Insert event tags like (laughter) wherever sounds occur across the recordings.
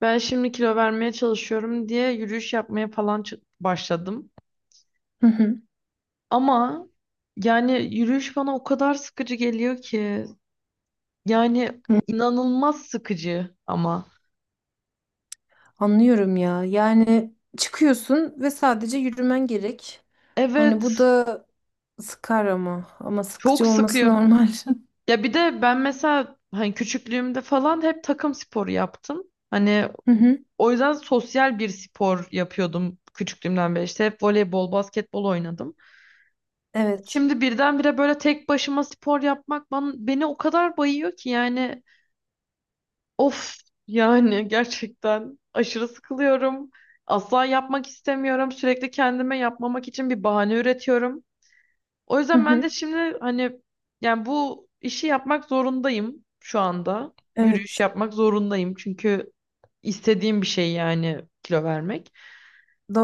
Ben şimdi kilo vermeye çalışıyorum diye yürüyüş yapmaya falan başladım. Hı hı. Ama yani yürüyüş bana o kadar sıkıcı geliyor ki. Yani Hı. inanılmaz sıkıcı ama. Anlıyorum ya. Yani çıkıyorsun ve sadece yürümen gerek. Hani Evet, bu da sıkar ama. Ama çok sıkıcı olması sıkıyor. normal. (laughs) Ya bir de ben mesela hani küçüklüğümde falan hep takım sporu yaptım. Hani Hı hı. o yüzden sosyal bir spor yapıyordum küçüklüğümden beri. İşte hep voleybol, basketbol oynadım. Evet. Şimdi birdenbire böyle tek başıma spor yapmak bana, beni o kadar bayıyor ki yani of, yani gerçekten aşırı sıkılıyorum. Asla yapmak istemiyorum. Sürekli kendime yapmamak için bir bahane üretiyorum. O Hı yüzden ben hı. de şimdi hani yani bu işi yapmak zorundayım şu anda. Yürüyüş Evet. yapmak zorundayım çünkü istediğim bir şey yani kilo vermek.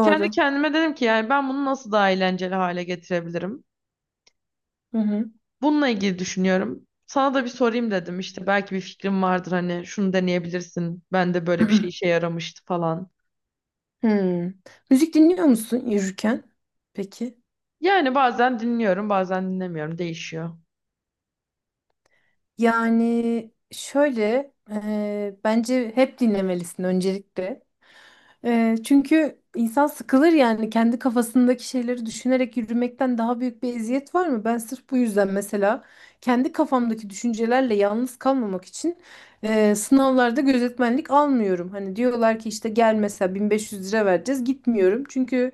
Kendi kendime dedim ki yani ben bunu nasıl daha eğlenceli hale getirebilirim? Hı hı. Bununla ilgili düşünüyorum. Sana da bir sorayım dedim işte belki bir fikrim vardır hani şunu deneyebilirsin. Ben de böyle bir şey (clears throat) işe yaramıştı falan. Hmm. Müzik dinliyor musun yürürken? Peki. Yani bazen dinliyorum bazen dinlemiyorum, değişiyor. Yani şöyle bence hep dinlemelisin öncelikle. Çünkü insan sıkılır yani kendi kafasındaki şeyleri düşünerek yürümekten daha büyük bir eziyet var mı? Ben sırf bu yüzden mesela kendi kafamdaki düşüncelerle yalnız kalmamak için sınavlarda gözetmenlik almıyorum. Hani diyorlar ki işte gel mesela 1500 lira vereceğiz gitmiyorum. Çünkü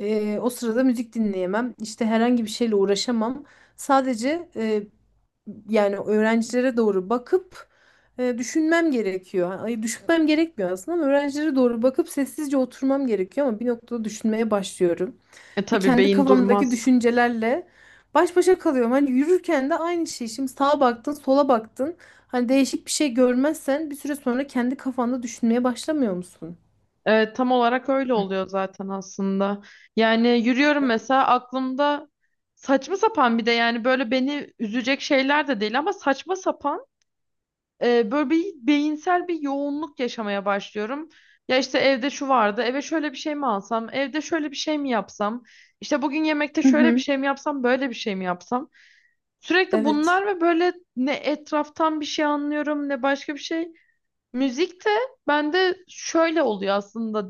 o sırada müzik dinleyemem işte herhangi bir şeyle uğraşamam. Sadece yani öğrencilere doğru bakıp düşünmem gerekiyor. Ay, düşünmem gerekmiyor aslında ama öğrencilere doğru bakıp sessizce oturmam gerekiyor ama bir noktada düşünmeye başlıyorum. E Ve tabii kendi beyin kafamdaki durmaz. düşüncelerle baş başa kalıyorum. Hani yürürken de aynı şey. Şimdi sağa baktın, sola baktın. Hani değişik bir şey görmezsen bir süre sonra kendi kafanda düşünmeye başlamıyor musun? E, tam olarak öyle oluyor zaten aslında. Yani yürüyorum mesela aklımda saçma sapan, bir de yani böyle beni üzecek şeyler de değil ama saçma sapan, böyle bir beyinsel bir yoğunluk yaşamaya başlıyorum. Ya işte evde şu vardı, eve şöyle bir şey mi alsam, evde şöyle bir şey mi yapsam, işte bugün yemekte Hı şöyle bir hı. şey mi yapsam, böyle bir şey mi yapsam. Sürekli Evet. bunlar ve böyle ne etraftan bir şey anlıyorum ne başka bir şey. Müzik de bende şöyle oluyor aslında,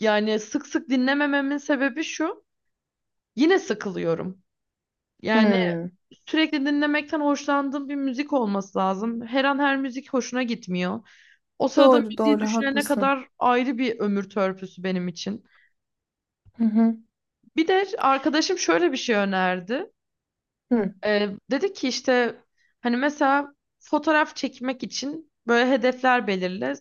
yani sık sık dinlemememin sebebi şu. Yine sıkılıyorum. Yani Hmm. sürekli dinlemekten hoşlandığım bir müzik olması lazım. Her an her müzik hoşuna gitmiyor. O sırada Doğru müziği doğru düşünene haklısın. kadar ayrı bir ömür törpüsü benim için. Hı hı. Bir de arkadaşım şöyle bir şey önerdi. Hı Dedi ki işte hani mesela fotoğraf çekmek için böyle hedefler belirle.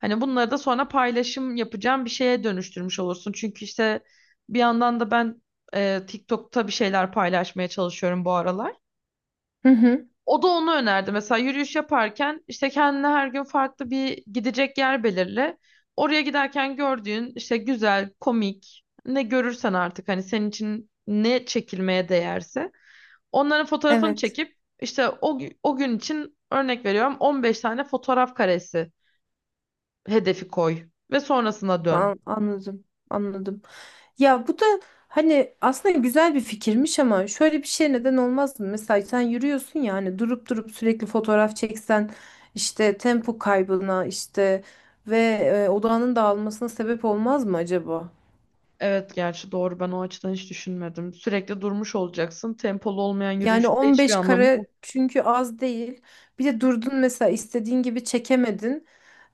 Hani bunları da sonra paylaşım yapacağım bir şeye dönüştürmüş olursun. Çünkü işte bir yandan da ben TikTok'ta bir şeyler paylaşmaya çalışıyorum bu aralar. hı. Hı. O da onu önerdi. Mesela yürüyüş yaparken işte kendine her gün farklı bir gidecek yer belirle. Oraya giderken gördüğün işte güzel, komik ne görürsen artık hani senin için ne çekilmeye değerse onların fotoğrafını Evet. çekip işte o gün için örnek veriyorum 15 tane fotoğraf karesi hedefi koy ve sonrasına dön. Anladım. Anladım. Ya bu da hani aslında güzel bir fikirmiş ama şöyle bir şey neden olmaz mı? Mesela sen yürüyorsun ya hani durup durup sürekli fotoğraf çeksen işte tempo kaybına işte ve odağının dağılmasına sebep olmaz mı acaba? Evet gerçi doğru, ben o açıdan hiç düşünmedim. Sürekli durmuş olacaksın. Tempolu olmayan Yani yürüyüşün de hiçbir 15 anlamı yok. kare çünkü az değil. Bir de durdun mesela istediğin gibi çekemedin.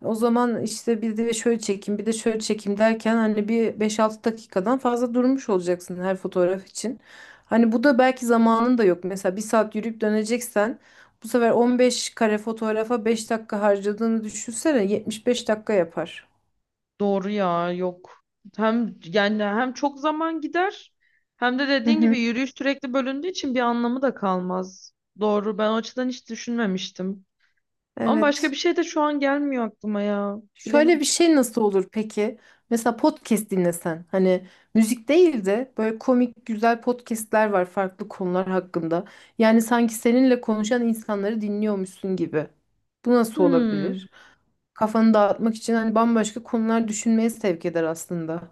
O zaman işte bir de şöyle çekeyim, bir de şöyle çekeyim derken hani bir 5-6 dakikadan fazla durmuş olacaksın her fotoğraf için. Hani bu da belki zamanın da yok. Mesela bir saat yürüyüp döneceksen bu sefer 15 kare fotoğrafa 5 dakika harcadığını düşünsene 75 dakika yapar. Doğru ya, yok. Hem yani hem çok zaman gider, hem de Hı dediğin gibi hı. yürüyüş sürekli bölündüğü için bir anlamı da kalmaz. Doğru, ben o açıdan hiç düşünmemiştim. Ama başka bir Evet. şey de şu an gelmiyor aklıma ya. Şöyle Bilemedim. bir şey nasıl olur peki? Mesela podcast dinlesen. Hani müzik değil de böyle komik güzel podcastler var farklı konular hakkında. Yani sanki seninle konuşan insanları dinliyormuşsun gibi. Bu nasıl Hmm. olabilir? Kafanı dağıtmak için hani bambaşka konular düşünmeye sevk eder aslında.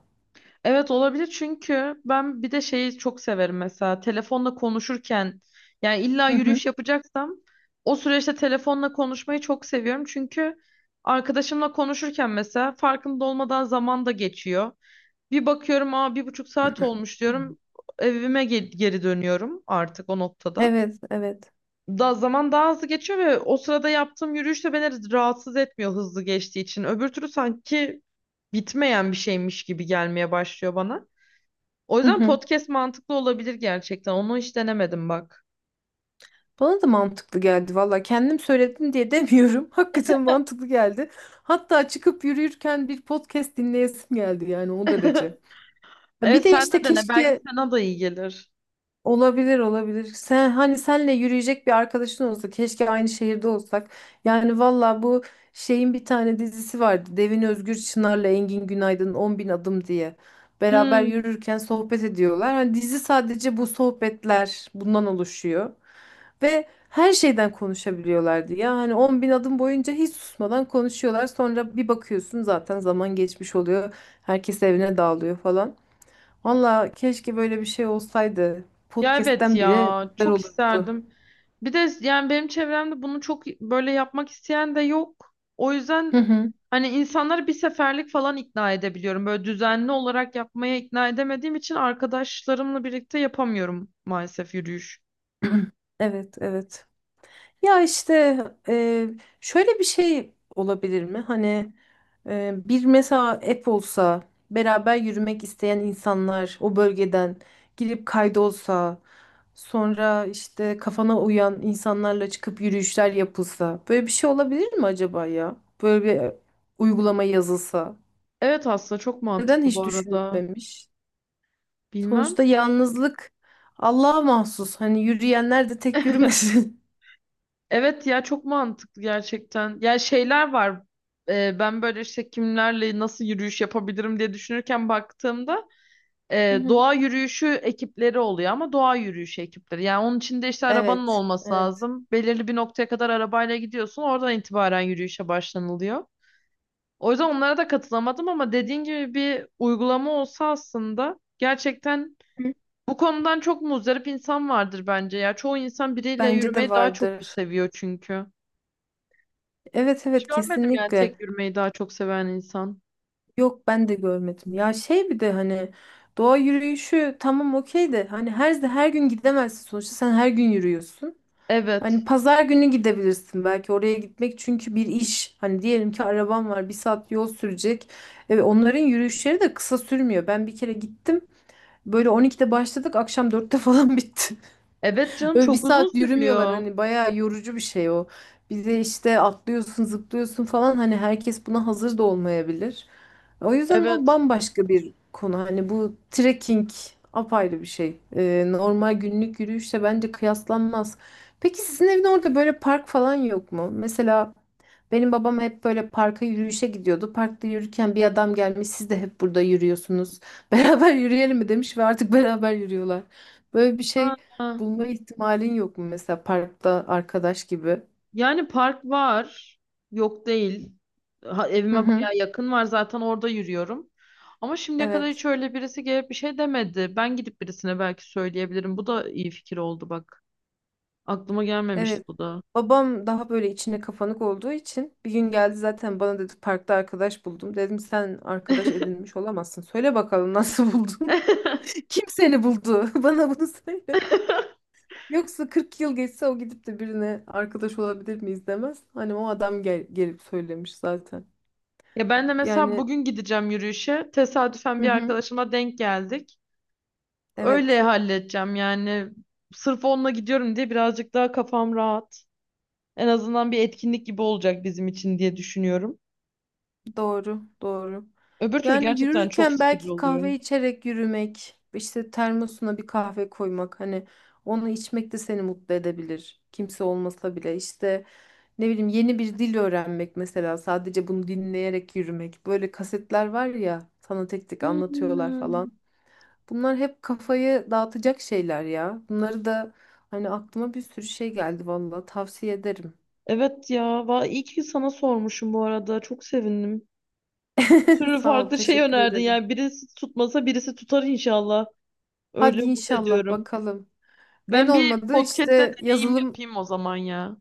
Evet olabilir, çünkü ben bir de şeyi çok severim, mesela telefonla konuşurken, yani illa Hı hı. yürüyüş yapacaksam o süreçte telefonla konuşmayı çok seviyorum çünkü arkadaşımla konuşurken mesela farkında olmadan zaman da geçiyor. Bir bakıyorum aa bir buçuk saat olmuş diyorum, evime geri dönüyorum artık o noktada. Evet, evet. Da zaman daha hızlı geçiyor ve o sırada yaptığım yürüyüş de beni rahatsız etmiyor hızlı geçtiği için. Öbür türlü sanki bitmeyen bir şeymiş gibi gelmeye başlıyor bana. O Hı yüzden hı. podcast mantıklı olabilir gerçekten. Onu hiç denemedim bak. Bana da mantıklı geldi valla. Kendim söyledim diye demiyorum. (laughs) Hakikaten mantıklı geldi. Hatta çıkıp yürürken bir podcast dinleyesim geldi yani o derece. (laughs) Ya bir Evet de sen de işte dene. Belki keşke sana da iyi gelir. olabilir olabilir. Sen hani senle yürüyecek bir arkadaşın olsa keşke aynı şehirde olsak. Yani valla bu şeyin bir tane dizisi vardı. Devin Özgür Çınar'la Engin Günaydın 10 bin adım diye. Beraber Hmm, yürürken sohbet ediyorlar. Hani dizi sadece bu sohbetler bundan oluşuyor. Ve her şeyden konuşabiliyorlardı ya. Hani 10 bin adım boyunca hiç susmadan konuşuyorlar. Sonra bir bakıyorsun zaten zaman geçmiş oluyor. Herkes evine dağılıyor falan. Valla keşke böyle bir şey olsaydı. ya evet Podcast'ten bile ya güzel çok olurdu. isterdim. Bir de yani benim çevremde bunu çok böyle yapmak isteyen de yok. O Hı yüzden hı. hani insanları bir seferlik falan ikna edebiliyorum. Böyle düzenli olarak yapmaya ikna edemediğim için arkadaşlarımla birlikte yapamıyorum maalesef yürüyüş. (clears throat) Evet, evet. Ya işte e, şöyle bir şey olabilir mi? Hani bir mesela app olsa beraber yürümek isteyen insanlar o bölgeden girip kaydolsa sonra işte kafana uyan insanlarla çıkıp yürüyüşler yapılsa böyle bir şey olabilir mi acaba ya? Böyle bir uygulama yazılsa. Evet aslında çok Neden mantıklı bu hiç arada. düşünülmemiş? Bilmem. Sonuçta yalnızlık Allah'a mahsus. Hani yürüyenler de tek yürümesin. Evet ya, çok mantıklı gerçekten. Ya şeyler var. Ben böyle işte kimlerle nasıl yürüyüş yapabilirim diye düşünürken baktığımda (laughs) Hı hı. doğa yürüyüşü ekipleri oluyor ama doğa yürüyüşü ekipleri. Yani onun için de işte arabanın Evet, olması evet. lazım. Belirli bir noktaya kadar arabayla gidiyorsun. Oradan itibaren yürüyüşe başlanılıyor. O yüzden onlara da katılamadım ama dediğin gibi bir uygulama olsa aslında gerçekten Hı. bu konudan çok muzdarip insan vardır bence ya. Çoğu insan biriyle Bence de yürümeyi daha çok vardır. seviyor çünkü. Evet, Hiç evet görmedim yani kesinlikle. tek yürümeyi daha çok seven insan. Yok ben de görmedim. Ya şey bir de hani doğa yürüyüşü tamam okey de hani her gün gidemezsin sonuçta sen her gün yürüyorsun. Hani Evet. pazar günü gidebilirsin belki oraya gitmek çünkü bir iş. Hani diyelim ki arabam var bir saat yol sürecek. Evet, onların yürüyüşleri de kısa sürmüyor. Ben bir kere gittim. Böyle 12'de başladık akşam 4'te falan (laughs) bitti. Evet canım, Öyle bir çok uzun saat yürümüyorlar sürüyor. hani bayağı yorucu bir şey o. Bir de işte atlıyorsun zıplıyorsun falan hani herkes buna hazır da olmayabilir. O yüzden o Evet. bambaşka bir konu. Hani bu trekking apayrı bir şey. Normal günlük yürüyüşle bence kıyaslanmaz. Peki sizin evin orada böyle park falan yok mu? Mesela benim babam hep böyle parka yürüyüşe gidiyordu. Parkta yürürken bir adam gelmiş, siz de hep burada yürüyorsunuz. (laughs) Beraber yürüyelim mi demiş ve artık beraber yürüyorlar. Böyle bir Ha, şey ha. bulma ihtimalin yok mu mesela parkta arkadaş gibi? Yani park var. Yok değil. Ha, Hı evime hı. baya yakın var, zaten orada yürüyorum. Ama şimdiye kadar hiç Evet. öyle birisi gelip bir şey demedi. Ben gidip birisine belki söyleyebilirim. Bu da iyi fikir oldu bak. Aklıma gelmemişti Evet. bu da. Babam daha böyle içine kapanık olduğu için bir gün geldi zaten bana dedi parkta arkadaş buldum. Dedim sen arkadaş edinmiş olamazsın. Söyle bakalım nasıl buldun? (laughs) (laughs) Kim seni buldu? (laughs) Bana bunu söyle. Yoksa 40 yıl geçse o gidip de birine arkadaş olabilir miyiz demez. Hani o adam gelip söylemiş zaten. Ya ben de mesela Yani bugün gideceğim yürüyüşe. Tesadüfen hı bir hı, arkadaşıma denk geldik. Öyle evet halledeceğim yani. Sırf onunla gidiyorum diye birazcık daha kafam rahat. En azından bir etkinlik gibi olacak bizim için diye düşünüyorum. doğru doğru. Öbür türlü Yani gerçekten çok yürürken sıkıcı belki oluyor. kahve içerek yürümek, işte termosuna bir kahve koymak hani onu içmek de seni mutlu edebilir. Kimse olmasa bile işte ne bileyim yeni bir dil öğrenmek mesela sadece bunu dinleyerek yürümek. Böyle kasetler var ya sana tek tek anlatıyorlar Hmm. falan. Bunlar hep kafayı dağıtacak şeyler ya. Bunları da hani aklıma bir sürü şey geldi vallahi tavsiye ederim. Evet ya. İyi ki sana sormuşum bu arada. Çok sevindim. Bir (laughs) sürü Sağ ol, farklı şey teşekkür önerdin. ederim. Yani birisi tutmasa birisi tutar inşallah. Öyle Hadi umut inşallah ediyorum. bakalım. En Ben bir olmadı podcast'te işte deneyim yazılım yapayım o zaman ya.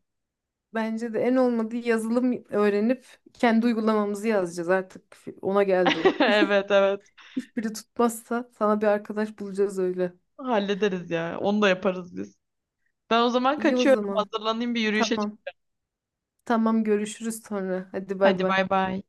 bence de en olmadı yazılım öğrenip kendi uygulamamızı yazacağız artık. Ona geldi. (laughs) Evet evet. Hiçbiri tutmazsa sana bir arkadaş bulacağız öyle. Hallederiz ya. Onu da yaparız biz. Ben o zaman İyi o kaçıyorum. zaman. Hazırlanayım bir yürüyüşe. Çık- Tamam. Tamam görüşürüz sonra. Hadi bay Hadi bay. bay bay.